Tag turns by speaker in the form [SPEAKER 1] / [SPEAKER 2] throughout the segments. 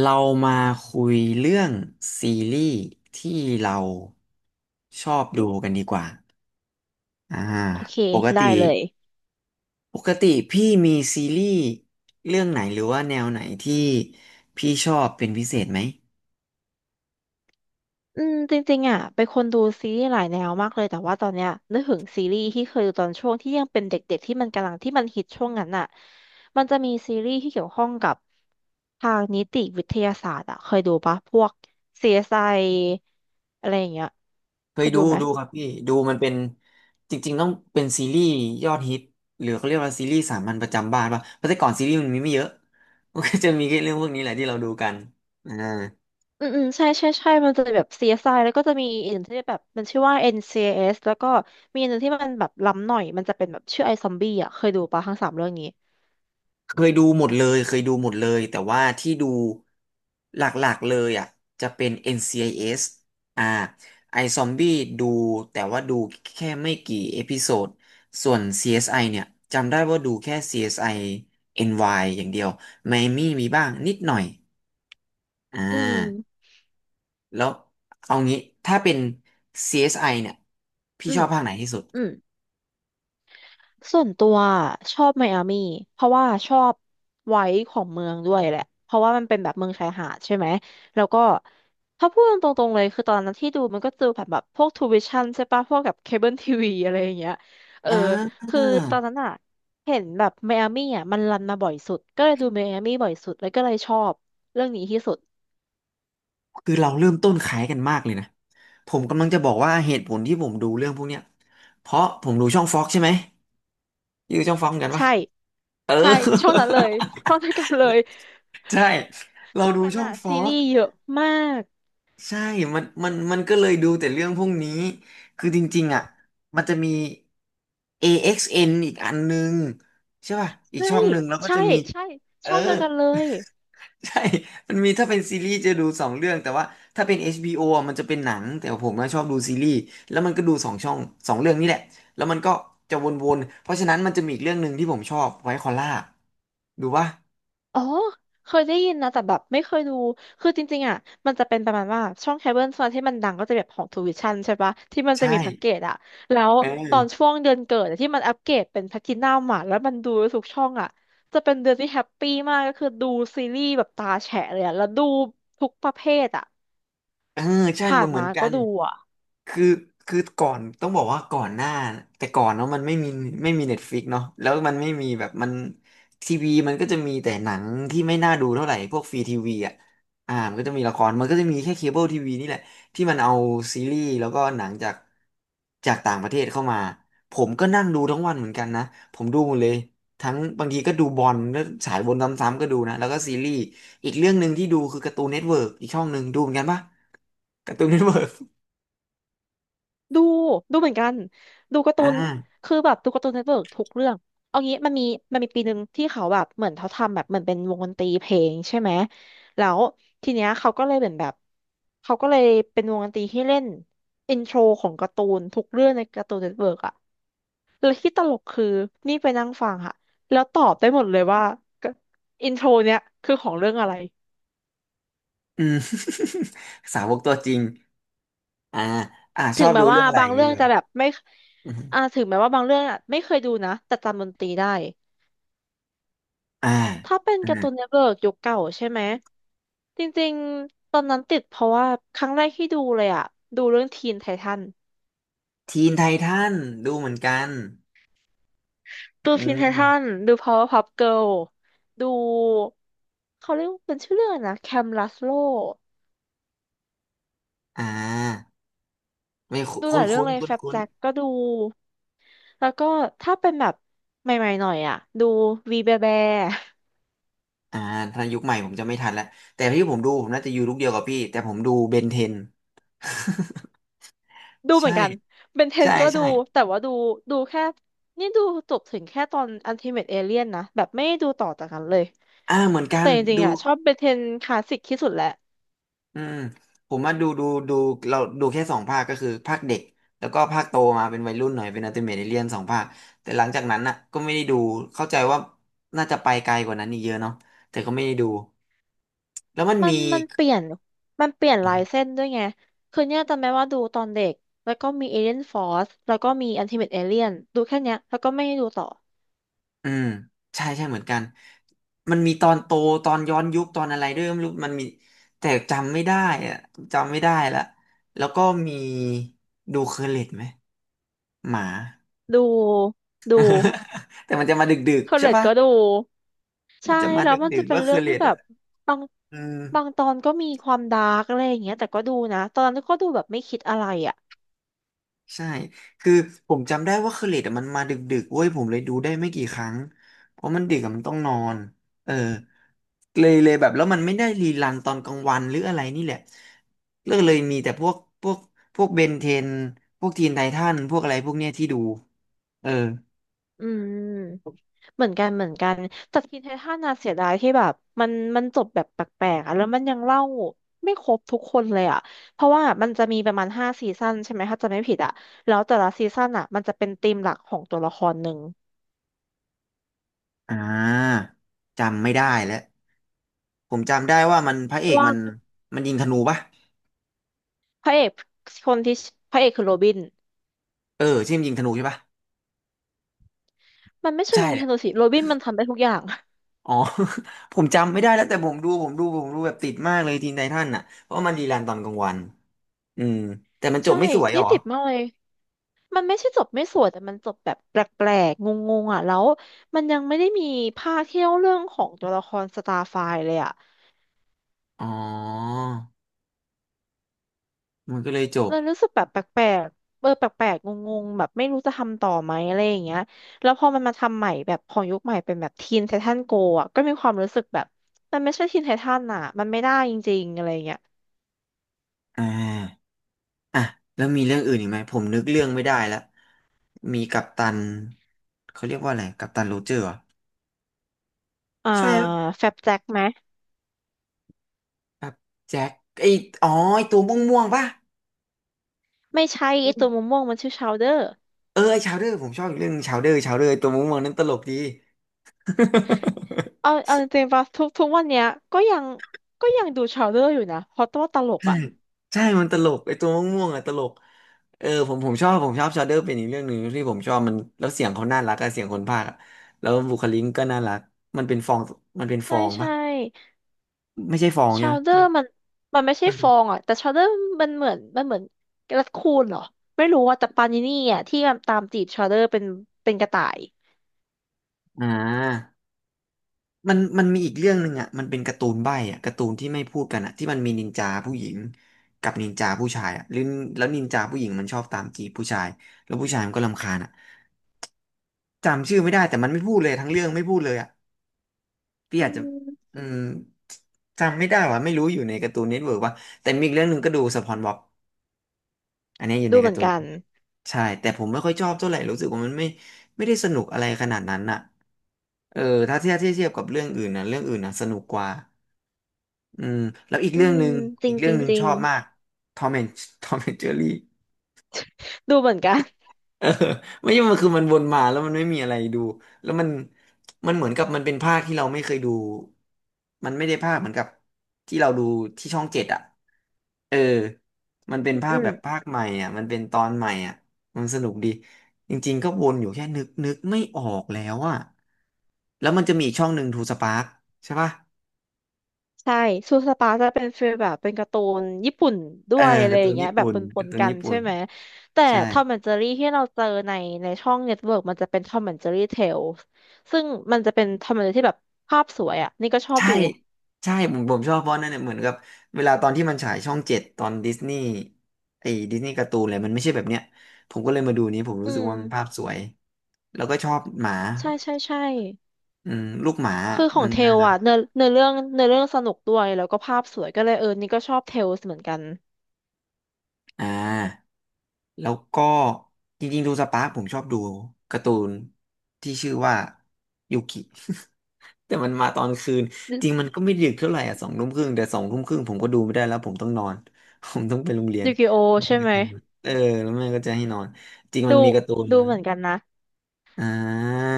[SPEAKER 1] เรามาคุยเรื่องซีรีส์ที่เราชอบดูกันดีกว่าอ่า
[SPEAKER 2] โอเค
[SPEAKER 1] ปก
[SPEAKER 2] ได้
[SPEAKER 1] ติ
[SPEAKER 2] เลย
[SPEAKER 1] ปกติพี่มีซีรีส์เรื่องไหนหรือว่าแนวไหนที่พี่ชอบเป็นพิเศษไหม
[SPEAKER 2] จริงๆอ่ะเป็นคนดูซีรีส์หลายแนวมากเลย แต่ว่าตอนเนี้ยนึกถึงซีรีส์ที่เคยดูตอนช่วงที่ยังเป็นเด็กๆที่มันฮิตช่วงนั้นอ่ะมันจะมีซีรีส์ที่เกี่ยวข้องกับทางนิติวิทยาศาสตร์อ่ะเคยดูปะพวก CSI อสไออะไรอย่างเงี้ย
[SPEAKER 1] เค
[SPEAKER 2] เค
[SPEAKER 1] ย
[SPEAKER 2] ย
[SPEAKER 1] ดู
[SPEAKER 2] ดูไหม
[SPEAKER 1] ดูครับพี่ดูมันเป็นจริงๆต้องเป็นซีรีส์ยอดฮิตหรือเขาเรียกว่าซีรีส์สามัญประจำบ้านป่ะเพราะแต่ก่อนซีรีส์มันมีไม่เยอะ มันก็จะมีแค่เรื่องพวกนี้แหละที่เราดูกันอ่า
[SPEAKER 2] อืมใช่มันจะแบบ CSI แล้วก็จะมีอีกหนึ่งที่แบบมันชื่อว่า NCIS แล้วก็มีอันหนึ่งที่มันแบบล้ำหน่อยมันจะเป็นแบบชื่อไอซอมบี้อ่ะเคยดูปะทั้งสามเรื่องนี้
[SPEAKER 1] เคยดูหมดเลยเคยดูหมดเลยแต่ว่าที่ดูหลักๆเลยจะเป็น NCIS อนซีไอเอสอ่าไอซอมบี้ดูแต่ว่าดูแค่ไม่กี่เอพิโซดส่วน CSI เอสไอเนี่ยจำได้ว่าดูแค่ CSI NY อสไอเอ็นวายอย่างเดียวไมอามี่มีบ้างนิดหน่อยอ่
[SPEAKER 2] อื
[SPEAKER 1] า
[SPEAKER 2] ม
[SPEAKER 1] แล้วเอางี้ถ้าเป็น CSI เอสไอเนี่ยพี่
[SPEAKER 2] อื
[SPEAKER 1] ช
[SPEAKER 2] ม
[SPEAKER 1] อบภาคไหนที่สุด
[SPEAKER 2] อืมส่วนตัวชอบไมอามี่เพราะว่าชอบไว้ของเมืองด้วยแหละเพราะว่ามันเป็นแบบเมืองชายหาดใช่ไหมแล้วก็ถ้าพูดตรงๆเลยคือตอนนั้นที่ดูมันก็ดูแบบพวกทูวิชั่นใช่ปะพวกแบบเคเบิลทีวีอะไรอย่างเงี้ยเออ
[SPEAKER 1] อ่า
[SPEAKER 2] คือตอนนั้นอ่ะเห็นแบบไมอามี่อ่ะมันรันมาบ่อยสุดก็เลยดูไมอามี่บ่อยสุดแล้วก็เลยชอบเรื่องนี้ที่สุด
[SPEAKER 1] คือเราเริ่มต้นขายกันมากเลยนะ ผมกำลังจะบอกว่าเหตุผลที่ผมดูเรื่องพวกเนี้ยเพราะผมดูช่องฟ็อกใช่ไหมอยูช่องฟ็อกกันปะ
[SPEAKER 2] ใช่
[SPEAKER 1] เออ
[SPEAKER 2] ใช่ช่วงนั้นเลยช่วงนั้น กันเลย
[SPEAKER 1] ใช่ เรา
[SPEAKER 2] ช่วง
[SPEAKER 1] ดู
[SPEAKER 2] นั้น
[SPEAKER 1] ช่อ
[SPEAKER 2] อ่ะ
[SPEAKER 1] งฟอ
[SPEAKER 2] ซีรี
[SPEAKER 1] ก
[SPEAKER 2] ส์เยอะมาก
[SPEAKER 1] ใช่มันก็เลยดูแต่เรื่องพวกนี้ คือจริงๆมันจะมี AXN อเอ็กซ์เอ็นอีกอันนึงใช่ป่ะอีก
[SPEAKER 2] ใช่
[SPEAKER 1] ช่องหนึ่งแล้วก็
[SPEAKER 2] ใช่
[SPEAKER 1] จะมี
[SPEAKER 2] ใช่
[SPEAKER 1] เออ
[SPEAKER 2] ช่องเดียวกันเลย
[SPEAKER 1] ใช่มันมีถ้าเป็นซีรีส์จะดูสองเรื่องแต่ว่าถ้าเป็น HBO อชบีโอมันจะเป็นหนังแต่ผมก็ชอบดูซีรีส์แล้วมันก็ดูสองช่องสองเรื่องนี่แหละแล้วมันก็จะวนๆเพราะฉะนั้นมันจะมีอีกเรื่องหนึ่งที่ผมชอบไวท์คอลล่าดูปะ
[SPEAKER 2] อ๋อเคยได้ยินนะแต่แบบไม่เคยดูคือจริงๆอ่ะมันจะเป็นประมาณว่าช่องเคเบิลโซนที่มันดังก็จะแบบของทูวิชั่นใช่ปะที่มันจะ
[SPEAKER 1] ใช่
[SPEAKER 2] มีแพ็กเกจอ่ะแล้ว
[SPEAKER 1] เ
[SPEAKER 2] ตอน
[SPEAKER 1] ออ
[SPEAKER 2] ช่วงเดือนเกิดอะที่มันอัปเกรดเป็นแพลทินัมอ่ะแล้วมันดูทุกช่องอ่ะจะเป็นเดือนที่แฮปปี้มากก็คือดูซีรีส์แบบตาแฉะเลยอะแล้วดูทุกประเภทอ่ะ
[SPEAKER 1] เออใช่
[SPEAKER 2] ผ่า
[SPEAKER 1] มั
[SPEAKER 2] น
[SPEAKER 1] นเหมือ
[SPEAKER 2] มา
[SPEAKER 1] นกั
[SPEAKER 2] ก็
[SPEAKER 1] น
[SPEAKER 2] ดู
[SPEAKER 1] คือคือก่อนต้องบอกว่าก่อนหน้าแต่ก่อนเนาะมันไม่มีเน็ตฟลิกเนาะแล้วมันไม่มีแบบมันทีวีมันก็จะมีแต่หนังที่ไม่น่าดูเท่าไหร่พวกฟรีทีวีมันก็จะมีละครมันก็จะมีแค่เคเบิลทีวีนี่แหละที่มันเอาซีรีส์แล้วก็หนังจากต่างประเทศเข้ามาผมก็นั่งดูทั้งวันเหมือนกันนะผมดูหมดเลยทั้งบางทีก็ดูบอลแล้วสายบนซ้ำๆก็ดูนะแล้วก็ซีรีส์อีกเรื่องหนึ่งที่ดูคือการ์ตูนเน็ตเวิร์กอีกช่องหนึ่งดูเหมือนกันปะ การ์ตูนเน็ตเวิร์ก
[SPEAKER 2] ดูดูเหมือนกันดูการ์
[SPEAKER 1] อ
[SPEAKER 2] ตูน
[SPEAKER 1] ่า
[SPEAKER 2] คือแบบดูการ์ตูนเน็ตเวิร์กทุกเรื่องเอางี้มันมีปีหนึ่งที่เขาแบบเหมือนเขาทำแบบเหมือนเป็นวงดนตรีเพลงใช่ไหมแล้วทีเนี้ยเขาก็เลยเหมือนแบบเขาก็เลยเป็นวงดนตรีที่เล่นอินโทรของการ์ตูนทุกเรื่องในการ์ตูนเน็ตเวิร์กอะแล้วที่ตลกคือนี่ไปนั่งฟังค่ะแล้วตอบได้หมดเลยว่าอินโทรเนี้ยคือของเรื่องอะไร
[SPEAKER 1] อืม สาวกตัวจริงอ่าช
[SPEAKER 2] ถึ
[SPEAKER 1] อ
[SPEAKER 2] ง
[SPEAKER 1] บ
[SPEAKER 2] แม้
[SPEAKER 1] ดูเรื่
[SPEAKER 2] ว่า
[SPEAKER 1] องอะไร
[SPEAKER 2] บา
[SPEAKER 1] อ
[SPEAKER 2] ง
[SPEAKER 1] ย่าง
[SPEAKER 2] เรื่
[SPEAKER 1] นี้
[SPEAKER 2] อง
[SPEAKER 1] เหรอ
[SPEAKER 2] จะแบบไม่
[SPEAKER 1] อื
[SPEAKER 2] อ่า
[SPEAKER 1] ม
[SPEAKER 2] ถึงแม้ว่าบางเรื่องอ่ะไม่เคยดูนะแต่จำดนตรีได้
[SPEAKER 1] อ่า
[SPEAKER 2] ถ้าเป็น
[SPEAKER 1] อ่า
[SPEAKER 2] การ์ตูนเน็ตเวิร์กยุคเก่าใช่ไหมจริงๆตอนนั้นติดเพราะว่าครั้งแรกที่ดูเลยอะดูเรื่องทีนไททัน
[SPEAKER 1] ทีนไททันดูเหมือนกัน
[SPEAKER 2] ดู
[SPEAKER 1] อื
[SPEAKER 2] ทีนไททัน
[SPEAKER 1] ม
[SPEAKER 2] ดู Powerpuff Girl ดูเขาเรียกว่าเป็นชื่อเรื่องอะไรนะแคมลัสโล
[SPEAKER 1] อ่าไม่
[SPEAKER 2] ดูห
[SPEAKER 1] คุ้
[SPEAKER 2] ลา
[SPEAKER 1] น
[SPEAKER 2] ยเรื่อง
[SPEAKER 1] คุ้น
[SPEAKER 2] เลย
[SPEAKER 1] คุ้
[SPEAKER 2] แฟ
[SPEAKER 1] น
[SPEAKER 2] บ
[SPEAKER 1] คุ้น
[SPEAKER 2] แจ็คก็ดูแล้วก็ถ้าเป็นแบบใหม่ๆหน่อยอะดูวีแบแบ
[SPEAKER 1] ๆถ้ายุคใหม่ผมจะไม่ทันแล้ว แต่ที่ผมดูผมน่าจะอยู่ลูกเดียวกับพี่ แต่ผมดูเบนเทน
[SPEAKER 2] ดูเห
[SPEAKER 1] ใช่
[SPEAKER 2] มือนกันเบนเทน
[SPEAKER 1] ใช่
[SPEAKER 2] ก็ดู
[SPEAKER 1] ใช่
[SPEAKER 2] แต่ว่าดูแค่ดูจบถึงแค่ตอนอั t ติเม e เอเลียนนะแบบไม่ได้ดูต่อจากนั้นเลย
[SPEAKER 1] เหมือนกั
[SPEAKER 2] แต่
[SPEAKER 1] น
[SPEAKER 2] จริง
[SPEAKER 1] ดู
[SPEAKER 2] ๆอ่ะชอบเบเทนคลาสสิกที่สุดแหละ
[SPEAKER 1] อืมผมมาดูเราดูแค่สองภาคก็คือภาคเด็กแล้วก็ภาคโตมาเป็นวัยรุ่นหน่อยเป็นอัลติเมทเอเลียนสองภาคแต่หลังจากนั้นน่ะก็ไม่ได้ดูเข้าใจว่าน่าจะไปไกลกว่านั้นอีกเยอะเนาะแต่ก็ไม่ได้ดูแล้วมัน
[SPEAKER 2] มัน
[SPEAKER 1] มี
[SPEAKER 2] มันเปลี่ยนมันเปลี่ยนลายเส้นด้วยไงคือเนี่ยจำได้ว่าดูตอนเด็ก แล้วก็มีเอเ e ียนฟอรสแล้วก็มีอันติเม e เอเลียนดูแค่เนี้ยแล้วก็ไม่ได้ดูต่อ
[SPEAKER 1] อืมใช่ใช่เหมือนกันมันมีตอนโตตอนย้อนยุคตอนอะไรด้วยไม่รู้มันมีแต่จำไม่ได้อะจำไม่ได้ละแล้วก็มีดูเคอร์เล็ตไหมหมา
[SPEAKER 2] ดูดู
[SPEAKER 1] แต่มันจะมาดึก
[SPEAKER 2] คอ
[SPEAKER 1] ๆ
[SPEAKER 2] ร์
[SPEAKER 1] ใช่
[SPEAKER 2] เรต
[SPEAKER 1] ปะ
[SPEAKER 2] ก็ดู
[SPEAKER 1] มั
[SPEAKER 2] ใช่
[SPEAKER 1] นจะมา
[SPEAKER 2] แล้
[SPEAKER 1] ด
[SPEAKER 2] วมัน
[SPEAKER 1] ึ
[SPEAKER 2] จะ
[SPEAKER 1] กๆ
[SPEAKER 2] เป็น
[SPEAKER 1] ว่า
[SPEAKER 2] เรื่
[SPEAKER 1] คื
[SPEAKER 2] อ
[SPEAKER 1] อ
[SPEAKER 2] ง
[SPEAKER 1] เล
[SPEAKER 2] ที่
[SPEAKER 1] ด
[SPEAKER 2] แบบ บาง
[SPEAKER 1] เออ
[SPEAKER 2] บางตอนก็มีความดาร์กอะไรอย่างเงี้ยแต่ก็ดูนะ ตอนนั้นก็ดูแบบไม่คิดอะไรอ่ะ
[SPEAKER 1] ใช่คือผมจำได้ว่าคือเลดมันมาดึกๆเว้ยผมเลยดูได้ไม่กี่ครั้งเพราะมันดึกอะมันต้องนอนเออเลยแบบแล้วมันไม่ได้รีรันตอนกลางวันหรืออะไรนี่แหละเลิกเลยมีแต่พวกพวกเบนเทนพวกทีนไททันพวกอะไรพวกเนี้ยที่ดูเออ
[SPEAKER 2] อืม เหมือนกันแต่ทีเททันน่เสียดายที่แบบมันจบแบบแปลกๆอะแล้วมันยังเล่าไม่ครบทุกคนเลยอ่ะเพราะว่ามันจะมีประมาณ5 ซีซั่นใช่ไหมถ้าจะไม่ผิดอ่ะแล้วแต่ละซีซั่นอ่ะมันจะเป็นธีมหลักของตัวละครหนึ่ง
[SPEAKER 1] อ่าจำไม่ได้แล้วผมจำได้ว่าพระ
[SPEAKER 2] เพ
[SPEAKER 1] เอ
[SPEAKER 2] ราะ
[SPEAKER 1] ก
[SPEAKER 2] ว่า
[SPEAKER 1] มันมันยิงธนูปะ
[SPEAKER 2] พระเอกคนที่พระเอกคือโรบิน
[SPEAKER 1] เออใช่มันยิงธนูใช่ปะ
[SPEAKER 2] มันไม่ใช่
[SPEAKER 1] ใช่
[SPEAKER 2] รินคาโนสิโรบินมันทำได้ทุกอย่าง
[SPEAKER 1] อ๋อ ผมจำไม่ได้แล้วแต่ผมดูแบบติดมากเลยทีนไททันเพราะว่ามันรีรันตอนกลางวันอืมแต่มัน จบ
[SPEAKER 2] ใช่
[SPEAKER 1] ไม่สวยเห
[SPEAKER 2] นี่
[SPEAKER 1] รอ
[SPEAKER 2] ติดมากเลยมันไม่ใช่จบไม่สวยแต่มันจบแบบแปลกๆงงๆอ่ะแล้วมันยังไม่ได้มีภาคที่เล่าเรื่องของตัวละครสตาร์ไฟเลยอ่ะ
[SPEAKER 1] อ๋อมันก็เลยจบ
[SPEAKER 2] เรารู้สึกแบบแปลกๆเออแปลกๆงงๆแบบไม่รู้จะทำต่อไหมอะไรอย่างเงี้ยแล้วพอมันมาทำใหม่แบบของยุคใหม่เป็นแบบทีนไททันโกอ่ะก็มีความรู้สึกแบบมันไม่ใช่ทีนไททันอ่ะมันไม่ได้จริงๆอะไรอย่างเงี้ย
[SPEAKER 1] อ่าอ่ะแล้วมีเรื่องอื่นอีกไหมผมนึกเรื่องไม่ได้ละมีกัปตันเขาเรียกว่าอะไรกัปตันโรเจอร์เหรอ
[SPEAKER 2] อ่า
[SPEAKER 1] ใช่
[SPEAKER 2] แฟบแจ็คไหม
[SPEAKER 1] ครับแจ็คไออ๋อไอตัวม่วงๆป่ะ
[SPEAKER 2] ไม่ใช่ไอตัวม่วงๆมันชื่อชาวเดอร์
[SPEAKER 1] เออไอชาวเดอร์ผมชอบอีกเรื่องชาวเดอร์ชาวเดอร์ไอ้ตัวม่วงๆนั้นตลกดี
[SPEAKER 2] เอาจริงๆป่ะทุกวันเนี้ยก็ยังก็ยังดูชาวเดอร์อยู่นะเพราะตัวตลก
[SPEAKER 1] ใช่
[SPEAKER 2] อ่ะ
[SPEAKER 1] ใช่มันตลกไอ้ตัวม่วงๆอ่ะตลกเออผมชอบชาเดอร์เป็นอีกเรื่องหนึ่งที่ผมชอบมันแล้วเสียงเขาน่ารักอะเสียงคนพากย์อะแล้วบุคลิกก็น่ารักมันเป็นฟองมันเป็นฟ
[SPEAKER 2] ใช่
[SPEAKER 1] องปะ
[SPEAKER 2] ใช่
[SPEAKER 1] ไม่ใช่ฟองใช่
[SPEAKER 2] ชา
[SPEAKER 1] ไหม
[SPEAKER 2] วเดอ
[SPEAKER 1] มัน
[SPEAKER 2] ร์มันไม่ใช่
[SPEAKER 1] มัน
[SPEAKER 2] ฟ
[SPEAKER 1] เป็น
[SPEAKER 2] องอ่ะแต่ชาวเดอร์มันเหมือนกระคูนเหรอไม่รู้ว่าแต่ปานินี่อ่ะที่มันตามจีบชาวเดอร์เป็นกระต่าย
[SPEAKER 1] อ่ามันมีอีกเรื่องหนึ่งอ่ะมันเป็นการ์ตูนใบ้อ่ะการ์ตูนที่ไม่พูดกันอ่ะที่มันมีนินจาผู้หญิงกับนินจาผู้ชายอ่ะหรือแล้วนินจาผู้หญิงมันชอบตามจีบผู้ชายแล้วผู้ชายมันก็รำคาญอ่ะจำชื่อไม่ได้แต่มันไม่พูดเลยทั้งเรื่องไม่พูดเลยอ่ะ พี่
[SPEAKER 2] อื
[SPEAKER 1] อาจจะ
[SPEAKER 2] ม
[SPEAKER 1] อืมจำไม่ได้ว่ะไม่รู้อยู่ในการ์ตูนเน็ตเวิร์กว่าแต่มีอีกเรื่องหนึ่งก็ดูสปอนบ็อบอันนี้อยู่
[SPEAKER 2] ดู
[SPEAKER 1] ใน
[SPEAKER 2] เห
[SPEAKER 1] กา
[SPEAKER 2] มื
[SPEAKER 1] ร์
[SPEAKER 2] อน
[SPEAKER 1] ตูน
[SPEAKER 2] กัน
[SPEAKER 1] Network ใช่แต่ผมไม่ค่อยชอบเท่าไหร่รู้สึกว่ามันไม่ได้สนุกอะไรขนาดนั้นน่ะเออถ้าเทียบกับเรื่องอื่นนะเรื่องอื่นนะสนุกกว่าอืมแล้วอีก
[SPEAKER 2] อื
[SPEAKER 1] เรื่องห
[SPEAKER 2] ม
[SPEAKER 1] นึ่ง
[SPEAKER 2] จริ
[SPEAKER 1] อี
[SPEAKER 2] ง
[SPEAKER 1] กเรื่
[SPEAKER 2] จ
[SPEAKER 1] อ
[SPEAKER 2] ริ
[SPEAKER 1] ง
[SPEAKER 2] ง
[SPEAKER 1] หนึ่ง
[SPEAKER 2] จริ
[SPEAKER 1] ช
[SPEAKER 2] ง
[SPEAKER 1] อบมากทอมแอนทอมแอนเจอรี่
[SPEAKER 2] ดูเหมือนกัน
[SPEAKER 1] เออไม่ใช่มันคือมันวนมาแล้วมันไม่มีอะไรดู แล้วมันเหมือนกับมันเป็นภาคที่เราไม่เคยดู มันไม่ได้ภาคเหมือนกับที่เราดูที่ช่องเจ็ดอ่ะเออมันเป็นภา
[SPEAKER 2] อื
[SPEAKER 1] คแบบ
[SPEAKER 2] ม
[SPEAKER 1] ภาคใหม่อ่ะมันเป็นตอนใหม่อ่ะมันสนุกดีจริงๆก็วนอยู่แค่นึกไม่ออกแล้วอ่ะแล้วมันจะมีอีกช่องหนึ่งทูสปาร์คใช่ป่ะ
[SPEAKER 2] ใช่ซูสปาจะเป็นฟีลแบบเป็นการ์ตูนญี่ปุ่นด้
[SPEAKER 1] เออ
[SPEAKER 2] วยอะไร
[SPEAKER 1] การ์
[SPEAKER 2] อ
[SPEAKER 1] ตู
[SPEAKER 2] ย่าง
[SPEAKER 1] น
[SPEAKER 2] เงี้ย
[SPEAKER 1] ญี่
[SPEAKER 2] แบบ
[SPEAKER 1] ปุ่น
[SPEAKER 2] ป
[SPEAKER 1] กา
[SPEAKER 2] น
[SPEAKER 1] ร์ตู
[SPEAKER 2] ๆ
[SPEAKER 1] น
[SPEAKER 2] กัน
[SPEAKER 1] ญี่ปุ่
[SPEAKER 2] ใช่
[SPEAKER 1] น
[SPEAKER 2] ไหมแต่
[SPEAKER 1] ใช่
[SPEAKER 2] ทอมแอนด์เจอรี่ที่เราเจอในช่องเน็ตเวิร์กมันจะเป็นทอมแอนด์เจอรี่เทลซึ่งมันจะเป็นทอมแอนด์เจอรี่ที่แบบภาพสวยอ่ะนี่ก็ชอบ
[SPEAKER 1] ใช่
[SPEAKER 2] ดู
[SPEAKER 1] ใช่ผมผมชอบเพราะนั่นเนี่ยเหมือนกับเวลาตอนที่มันฉายช่องเจ็ดตอนดิสนีย์ไอ้ดิสนีย์การ์ตูนอะไรมันไม่ใช่แบบเนี้ยผมก็เลยมาดูนี้ผม
[SPEAKER 2] อื
[SPEAKER 1] รู้สึก
[SPEAKER 2] ม
[SPEAKER 1] ว่ามันภาพสวยแล้วก็ชอบหมา
[SPEAKER 2] ใช่ใช่ใช่
[SPEAKER 1] อืมลูกหมา
[SPEAKER 2] คือขอ
[SPEAKER 1] มั
[SPEAKER 2] ง
[SPEAKER 1] น
[SPEAKER 2] เท
[SPEAKER 1] น่า
[SPEAKER 2] ล
[SPEAKER 1] รัก
[SPEAKER 2] อ่ะ เนื้อเนื้อเรื่องเนื้อเรื่องสนุกด้วยแล้วก็ภาพสวยก็เลยเออนี่ก็ชอบเทลเหมือนกัน
[SPEAKER 1] อ่าแล้วก็จริงๆดูสปาร์คผมชอบดูการ์ตูนที่ชื่อว่ายูกิ แต่มันมาตอนคืน
[SPEAKER 2] ดู
[SPEAKER 1] จริงมันก็ไม่ดึกเท่าไหร่อ่ะสองทุ่มครึ่งแต่สองทุ่มครึ่งผมก็ดูไม่ได้แล้วผมต้องนอน ผมต้องไปโรงเรียน
[SPEAKER 2] ดูกิโอใช่ไหม
[SPEAKER 1] เออแล้วแม่ก็จะให้นอนจริงมั
[SPEAKER 2] ดู
[SPEAKER 1] นมีการ์ตูน
[SPEAKER 2] ดูเหมือนกันนะ
[SPEAKER 1] อ่า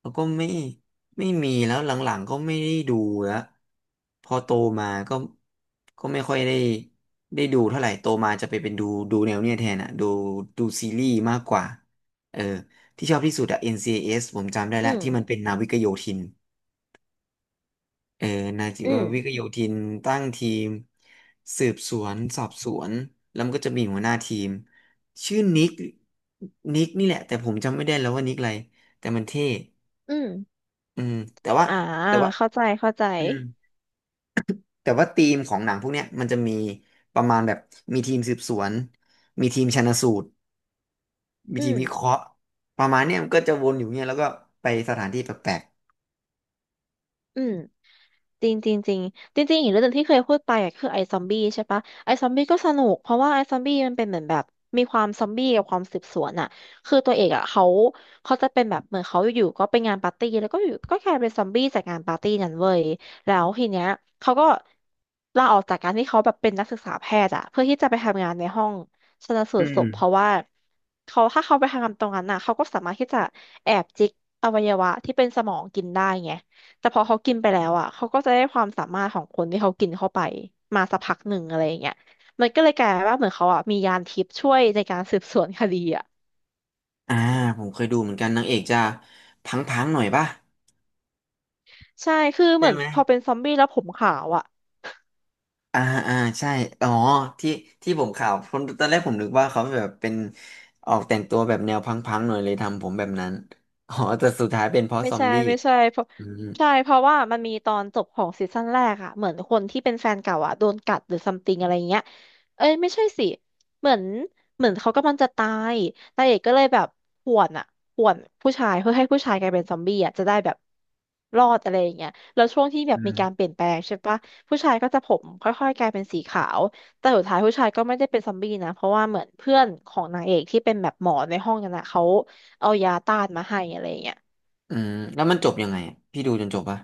[SPEAKER 1] แล้วก็ไม่มีแล้วหลังๆก็ไม่ได้ดูแล้วพอโตมาก็ก็ไม่ค่อยได้ดูเท่าไหร่โตมาจะไปเป็นดูแนวเนี้ยแทนอ่ะดูซีรีส์มากกว่าเออที่ชอบที่สุดอะ n c s ผมจำได้
[SPEAKER 2] อื
[SPEAKER 1] แล้ว
[SPEAKER 2] ม
[SPEAKER 1] ที่มันเป็นนาวิกโยธิน เออนาจิ
[SPEAKER 2] อื
[SPEAKER 1] ววิก
[SPEAKER 2] ม
[SPEAKER 1] โยธินตั้งทีมสืบสวนสอบสวนแล้วมันก็จะมีหัวหน้าทีมชื่อนิกนิกนี่แหละแต่ผมจำไม่ได้แล้วว่านิกอะไรแต่มันเท่
[SPEAKER 2] อืม
[SPEAKER 1] อืมแต่ว่า
[SPEAKER 2] อ่า
[SPEAKER 1] แต่ว่า
[SPEAKER 2] เข้าใจเข้าใจ
[SPEAKER 1] อืมแต่ว่าธีมของหนังพวกเนี้ยมันจะมีประมาณแบบมีทีมสืบสวนมีทีมชันสูตรมี
[SPEAKER 2] อื
[SPEAKER 1] ทีม
[SPEAKER 2] ม
[SPEAKER 1] วิเคราะห์ประมาณเนี้ยมันก็จะวนอยู่เนี้ยแล้วก็ไปสถานที่แปลก
[SPEAKER 2] อืม จริงจริงจริงจริงจริงๆอีกเรื่องหนึ่งที่เคยพูดไปอ็ะคือไอซอมบี้ใช่ปะไอซอมบี้ก็สนุกเพราะว่าไอซอมบี้มันเป็นเหมือนแบบมีความซอมบี้กับความสืบสวนอะคือตัวเอกอะเขาจะเป็นแบบเหมือนเขาอยู่ๆก็ไปงานปาร์ตี้แล้วก็อยู่ก็กลายเป็นซอมบี้จากงานปาร์ตี้นั้นเว้ยแล้วทีเนี้ยเขาก็ลาออกจากการที่เขาแบบเป็นนักศึกษาแพทย์อะเพื่อที่จะไปทำงานในห้องชันสู
[SPEAKER 1] ๆอื
[SPEAKER 2] ตรศ
[SPEAKER 1] ม
[SPEAKER 2] พเพราะว่าเขาถ้าเขาไปทำงานตรงนั้นอะเขาก็สามารถที่จะแอบจิกอวัยวะที่เป็นสมองกินได้ไง แต่พอเขากินไปแล้วอ่ะเขาก็จะได้ความสามารถของคนที่เขากินเข้าไปมาสักพักหนึ่งอะไรอย่างเงี้ยมันก็เลยกลายเป็นว่าเหมือนเขาอ่ะมียานทิพย์ช่วยในการสืบสวนคดีอ่ะ
[SPEAKER 1] อ่าผมเคยดูเหมือนกันนางเอกจะพังๆหน่อยป่ะ
[SPEAKER 2] ใช่คือเห
[SPEAKER 1] ใช่
[SPEAKER 2] มือน
[SPEAKER 1] ไหม
[SPEAKER 2] พอเป็นซอมบี้แล้วผมขาวอ่ะ
[SPEAKER 1] อ่าอ่าใช่อ๋อที่ที่ผมข่าวผมตอนแรกผมนึกว่าเขาแบบเป็นออกแต่งตัวแบบแนวพังๆหน่อยเลยทำผมแบบนั้นอ๋อแต่สุดท้ายเป็นเพราะ
[SPEAKER 2] ไม่
[SPEAKER 1] ซอม
[SPEAKER 2] ใช่
[SPEAKER 1] บี้
[SPEAKER 2] ไม่ใช่เพราะ
[SPEAKER 1] อืม
[SPEAKER 2] ใช่เพราะว่ามันมีตอนจบของซีซั่นแรกอะเหมือนคนที่เป็นแฟนเก่าอะโดนกัดหรือซัมติงอะไรเงี้ยเอ้ยไม่ใช่สิเหมือนเหมือนเขากำลังจะตายนางเอกก็เลยแบบข่วนอะข่วนผู้ชายเพื่อให้ผู้ชายกลายเป็นซอมบี้อะจะได้แบบรอดอะไรอย่างเงี้ยแล้วช่วงที่แบ
[SPEAKER 1] อื
[SPEAKER 2] บมีการเป
[SPEAKER 1] ม
[SPEAKER 2] ลี่ยนแปลงใช่ปะผู้ชายก็จะผมค่อยๆกลายเป็นสีขาวแต่สุดท้ายผู้ชายก็ไม่ได้เป็นซอมบี้นะเพราะว่าเหมือนเพื่อนของนางเอกที่เป็นแบบหมอในห้องนั้นอะเขาเอายาต้านมาให้อะไรอย่างเงี้ย
[SPEAKER 1] อืมแล้วมันจบยังไงอะพี่ดูจนจบปะ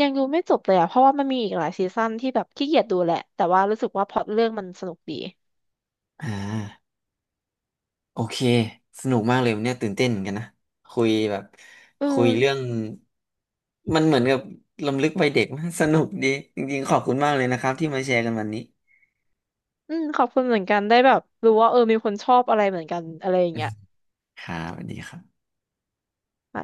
[SPEAKER 2] ยังดูไม่จบเลยอ่ะเพราะว่ามันมีอีกหลายซีซั่นที่แบบขี้เกียจดูแหละ แต่ว่ารู้สึกว่าพล็อตเรื่องมันสนุกดี
[SPEAKER 1] อ่าโอเคสนุกมากเลยวันเนี่ยตื่นเต้นเหมือนกันนะคุยแบบ
[SPEAKER 2] อื
[SPEAKER 1] คุยเรื่อ
[SPEAKER 2] ม
[SPEAKER 1] งมันเหมือนกับรำลึกวัยเด็กมาก สนุกดีจริงๆขอบคุณมากเลยนะครับที่มาแชร์กันวันนี้
[SPEAKER 2] อืม ขอบคุณเหมือนกัน ได้แบบรู้ว่าเออมีคนชอบอะไรเหมือนกันอะไรอย่างเงี้ย
[SPEAKER 1] ครับสวัสดีครับ
[SPEAKER 2] อ่ะ